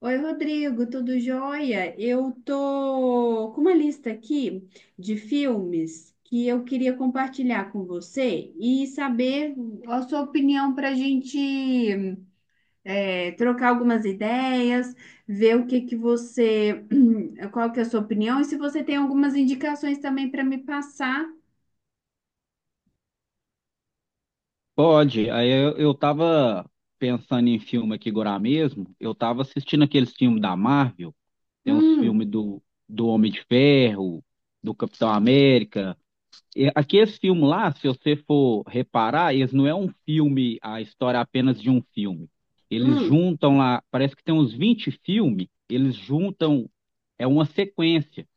Oi, Rodrigo, tudo jóia? Eu tô com uma lista aqui de filmes que eu queria compartilhar com você e saber a sua opinião para a gente trocar algumas ideias, ver, o que que você, qual que é a sua opinião e se você tem algumas indicações também para me passar. Pode. Aí eu tava pensando em filme aqui agora mesmo. Eu tava assistindo aqueles filmes da Marvel. Tem uns filmes Hum, do Homem de Ferro, do Capitão América. E aqueles filmes lá, se você for reparar, eles não é um filme, a história é apenas de um filme. Eles hum. juntam lá, parece que tem uns 20 filmes, eles juntam, é uma sequência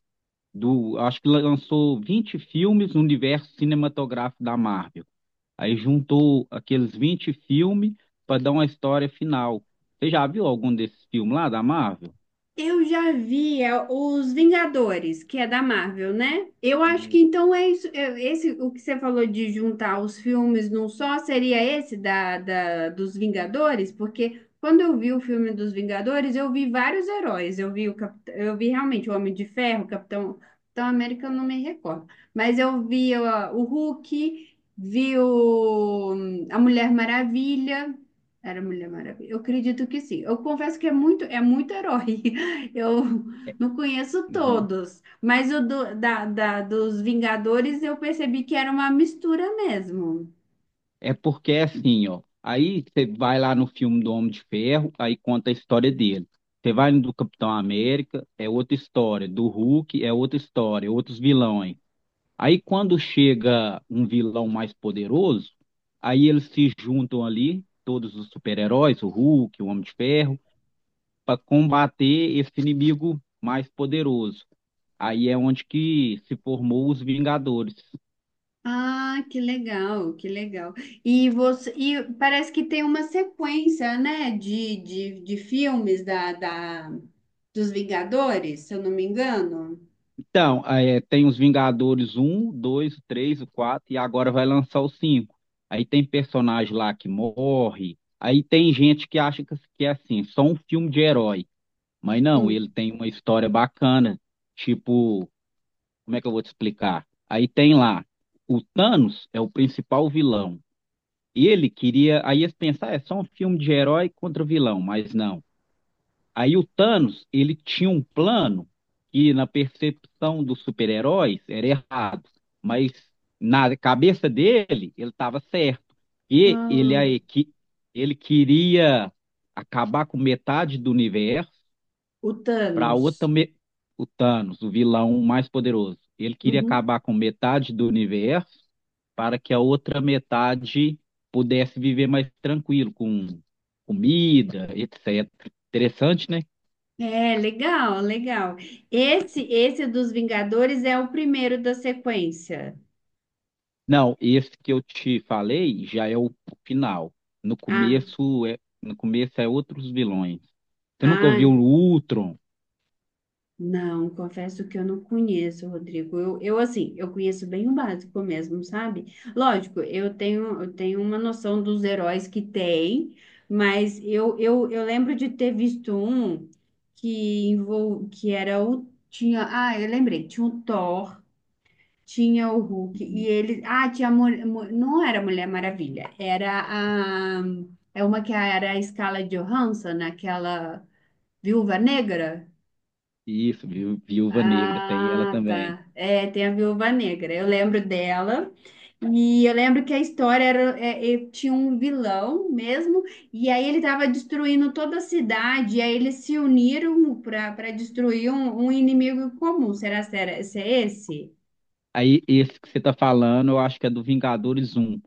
acho que lançou 20 filmes no universo cinematográfico da Marvel. Aí juntou aqueles 20 filmes para dar uma história final. Você já viu algum desses filmes lá da Marvel? Eu já vi os Vingadores, que é da Marvel, né? Eu acho que Hum, então é isso. É esse, o que você falou de juntar os filmes num só, seria esse dos Vingadores? Porque quando eu vi o filme dos Vingadores, eu vi vários heróis. Eu vi eu vi realmente o Homem de Ferro, o Capitão América, eu não me recordo. Mas eu vi ó, o Hulk, vi, a Mulher Maravilha. Era Mulher Maravilha. Eu acredito que sim. Eu confesso que é muito herói. Eu não conheço aham. todos, mas o do- da, da- dos Vingadores eu percebi que era uma mistura mesmo. É porque é assim, ó. Aí você vai lá no filme do Homem de Ferro, aí conta a história dele. Você vai no do Capitão América, é outra história. Do Hulk, é outra história, é outros vilões. Aí quando chega um vilão mais poderoso, aí eles se juntam ali, todos os super-heróis, o Hulk, o Homem de Ferro para combater esse inimigo mais poderoso. Aí é onde que se formou os Vingadores. Ah, que legal, que legal. E você, e parece que tem uma sequência, né, de filmes, dos Vingadores, se eu não me engano. Então, é, tem os Vingadores um, 2, 3, 4 e agora vai lançar o 5. Aí tem personagem lá que morre. Aí tem gente que acha que é assim, só um filme de herói. Mas não, ele Hum. tem uma história bacana. Tipo, como é que eu vou te explicar? Aí tem lá, o Thanos é o principal vilão. Ele queria, aí eles pensaram, é só um filme de herói contra vilão, mas não. Aí o Thanos, ele tinha um plano que na percepção dos super-heróis era errado, mas na cabeça dele, ele estava certo. E ele, Ah, a equi- ele queria acabar com metade do universo. o para Thanos. Otame... o Thanos, o vilão mais poderoso. Ele queria Uhum. acabar com metade do universo para que a outra metade pudesse viver mais tranquilo, com comida, etc. Interessante, né? É, legal, legal. Esse dos Vingadores é o primeiro da sequência. Não, esse que eu te falei já é o final. No Ah, começo é, no começo é outros vilões. Você nunca ouviu ah. o Ultron? Não, confesso que eu não conheço, Rodrigo. Eu assim, eu conheço bem o básico mesmo, sabe? Lógico, eu tenho uma noção dos heróis que tem, mas eu lembro de ter visto um que, que era o. Ah, eu lembrei, tinha o Thor, tinha o Hulk, e Uhum. ele. Ah, tinha a mulher. Não era a Mulher Maravilha, era a. É uma que era a Scarlett Johansson, aquela Viúva Negra. Isso, viu? Viúva Negra tem ela Ah, também. tá. É, tem a Viúva Negra. Eu lembro dela. E eu lembro que a história era, tinha um vilão mesmo, e aí ele estava destruindo toda a cidade, e aí eles se uniram para destruir um inimigo comum. Será que era, se é esse? Aí esse que você tá falando, eu acho que é do Vingadores um.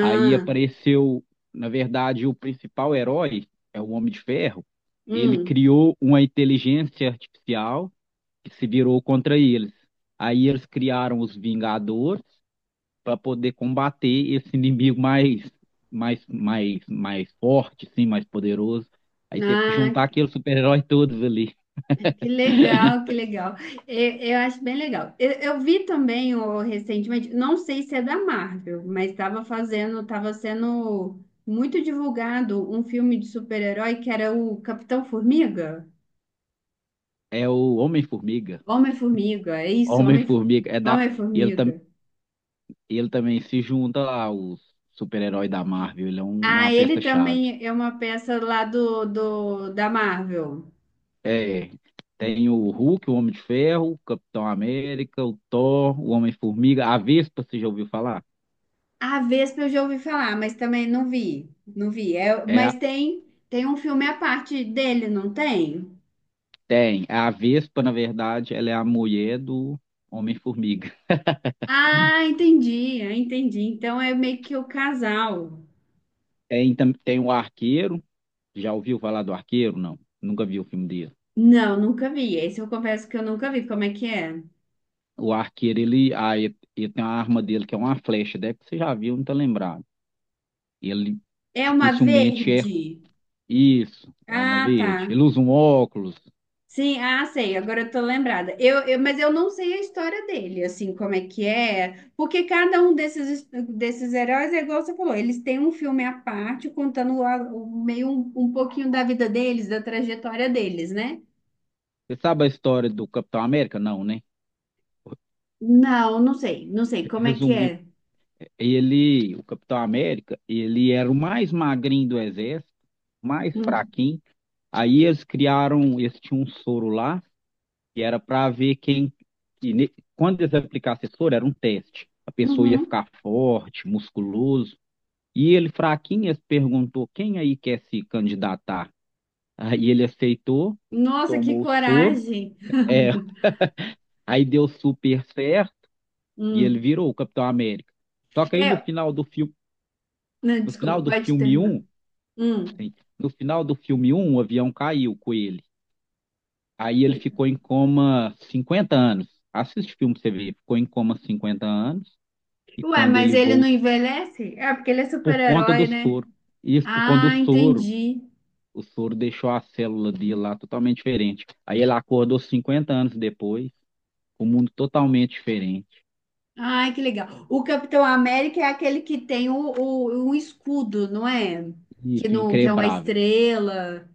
Aí apareceu, na verdade, o principal herói, é o Homem de Ferro. Ele hum. criou uma inteligência artificial que se virou contra eles. Aí eles criaram os Vingadores para poder combater esse inimigo mais forte, sim, mais poderoso. Aí teve que juntar Ah, aqueles super-heróis todos ali. que legal, que legal. Eu acho bem legal. Eu vi também, recentemente, não sei se é da Marvel, mas estava sendo muito divulgado um filme de super-herói que era o Capitão Formiga. É o Homem-Formiga. Homem-Formiga, é isso, Homem-Formiga. Homem-Formiga, ele, tam... Homem-Formiga. ele também se junta lá aos super-heróis da Marvel, ele é um- Ah, uma ele peça-chave. também é uma peça lá do, do da Marvel. É, tem o Hulk, o Homem de Ferro, o Capitão América, o Thor, o Homem-Formiga, a Vespa, você já ouviu falar? A Vespa eu já ouvi falar, mas também não vi. Não vi. É, É, mas tem um filme à parte dele, não tem? tem. A Vespa, na verdade, ela é a mulher do Homem-Formiga. Ah, entendi, ah, entendi. Então é meio que o casal. Tem o Arqueiro, já ouviu falar do Arqueiro? Não, nunca viu o filme dele. Não, nunca vi. Esse eu confesso que eu nunca vi. Como é que é? O Arqueiro, ele tem uma arma dele que é uma flecha, deve que você já viu, não tá lembrado. Ele É uma dificilmente é verde. isso, é uma Ah, tá. verde. Ele usa um óculos. Sim, ah, sei. Agora eu tô lembrada. Mas eu não sei a história dele, assim, como é que é. Porque cada um desses heróis é igual você falou. Eles têm um filme à parte contando, meio, um pouquinho da vida deles, da trajetória deles, né? Você sabe a história do Capitão América? Não, né? Não, não sei. Não sei como é que Resumiu é. ele, o Capitão América, ele era o mais magrinho do exército, mais Hum. fraquinho. Aí eles criaram, eles tinham um soro lá, que era para ver quem, quando eles aplicassem esse soro, era um teste. A pessoa ia Uhum. ficar forte, musculoso. E ele, fraquinho, eles perguntou quem aí quer se candidatar. Aí ele aceitou, Nossa, que tomou o soro, coragem! é, aí deu super certo e ele Hum. virou o Capitão América. Só que aí no É, final do filme, não, no desculpa, final do pode filme terminar. um Hum. No final do filme um, o avião caiu com ele. Aí ele E- ficou em coma 50 anos. Assiste o filme pra você ver. Ficou em coma 50 anos. E Ué, quando mas ele ele não voltou, envelhece? É porque ele é por conta do super-herói, né? soro. Isso por conta do Ah, soro. entendi. O soro deixou a célula dele lá totalmente diferente. Aí ele acordou 50 anos depois, com o mundo totalmente diferente. Ai, que legal. O Capitão América é aquele que tem o escudo, não é? Isso, Não, que é uma increbrável. estrela.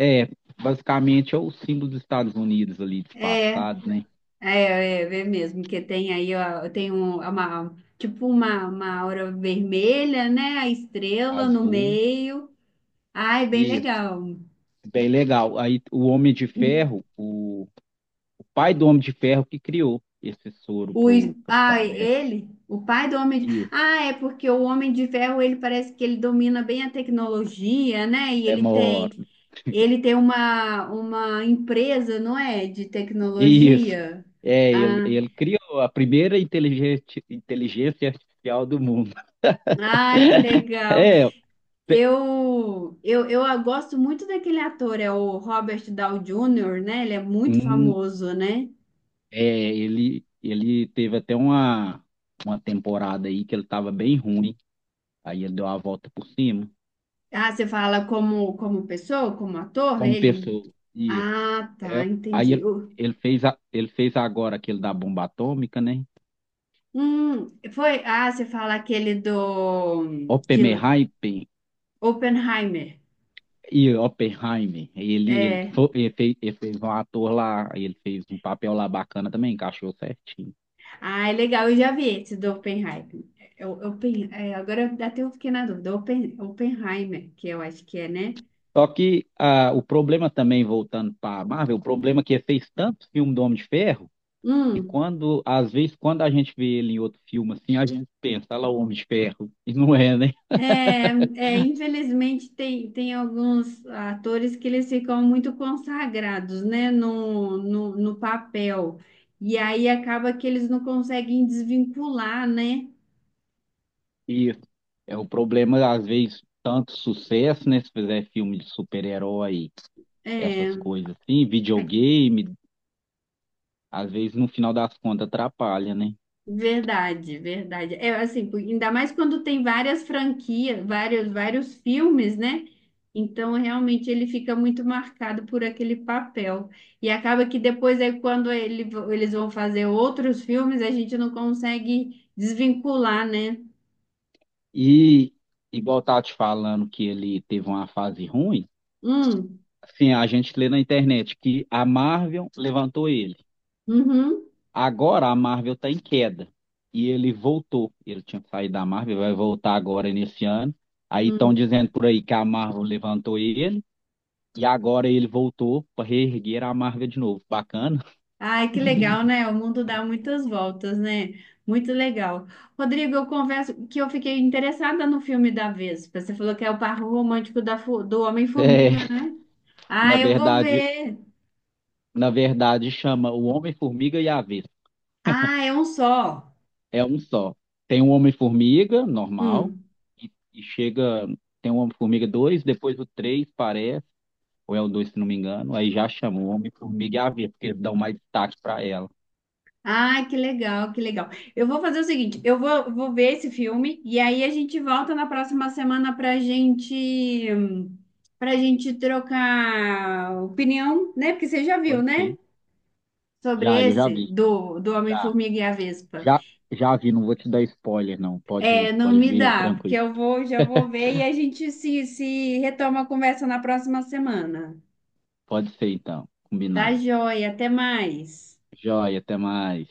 É, basicamente é o símbolo dos Estados Unidos ali, É, é, disfarçado, né? é, é mesmo, que tem aí, ó, tem uma, tipo uma aura vermelha, né? A estrela no Azul. meio. Ai, bem Isso, legal. bem legal. Aí o Homem de Ferro, o pai do Homem de Ferro que criou esse soro O, pro Capitão ah, América. O pai do homem. Isso, Ah, é porque o Homem de Ferro, ele parece que ele domina bem a tecnologia, né? E ele demora. tem, ele tem uma empresa, não é? De Isso. tecnologia. É, ele, Ah, ele criou a primeira inteligência artificial do mundo. ah, que legal. É, pe- Eu gosto muito daquele ator, é o Robert Downey Jr., né? Ele é muito hum, famoso, né? é ele teve até uma temporada aí que ele estava bem ruim. Aí ele deu a volta por cima. Ah, você fala como, como pessoa, como ator, Como ele. pessoa. Isso. Ah, tá, É, aí entendi. ele fez agora aquele da bomba atômica, né? Foi. Ah, você fala aquele do. Oppenheimer. Oppenheimer. E Oppenheimer, ele, que É. foi, ele fez um papel lá bacana também, encaixou certinho. Ah, é legal, eu já vi esse do Oppenheimer. É, Oppen, agora eu até eu fiquei na dúvida. Oppen, Oppenheimer, que eu acho que é, né? Só que o problema também, voltando para Marvel, o problema é que ele fez tanto filme do Homem de Ferro, que Hum, quando, às vezes, quando a gente vê ele em outro filme assim, a gente pensa, olha lá o Homem de Ferro, e não é, né? é, é, infelizmente tem alguns atores que eles ficam muito consagrados, né? No papel. E aí acaba que eles não conseguem desvincular, né? Isso. É o problema, às vezes, tanto sucesso, né? Se fizer filme de super-herói, É. essas coisas assim, videogame, às vezes no final das contas atrapalha, né? Verdade, verdade. É assim, ainda mais quando tem várias franquias, vários filmes, né? Então, realmente, ele fica muito marcado por aquele papel. E acaba que depois, aí, quando ele, eles vão fazer outros filmes, a gente não consegue desvincular, né? E igual eu tava te falando que ele teve uma fase ruim, Hum, assim, a gente lê na internet que a Marvel levantou ele. uhum, Agora a Marvel está em queda e ele voltou. Ele tinha saído da Marvel, vai voltar agora nesse ano. Aí estão hum. dizendo por aí que a Marvel levantou ele e agora ele voltou para reerguer a Marvel de novo. Bacana. Ai, que legal, né? O mundo dá muitas voltas, né? Muito legal. Rodrigo, eu confesso que eu fiquei interessada no filme da Vespa. Você falou que é o par romântico da, fu- do Homem-Formiga, É, né? na Ah, eu vou verdade, ver. na verdade chama O Homem-Formiga e a Vespa. Ah, é um só. É um só. Tem um Homem-Formiga, normal, Hum. e chega. Tem um Homem-Formiga 2, depois o 3 parece, ou é o 2 se não me engano, aí já chamou o Homem-Formiga e a Vespa, porque eles dão mais destaque pra ela. Ai, que legal, que legal. Eu vou fazer o seguinte, vou ver esse filme e aí a gente volta na próxima semana para gente trocar opinião, né? Porque você já viu, Pode né? ser. Sobre Já, eu já esse vi. do Já, Homem-Formiga e a Vespa. já, já vi, não vou te dar spoiler, não. É, Pode, não pode me vir, dá, porque tranquilo. Já vou ver e a gente se retoma a conversa na próxima semana. Pode ser, então, Tá combinado. joia, até mais. Joia, até mais.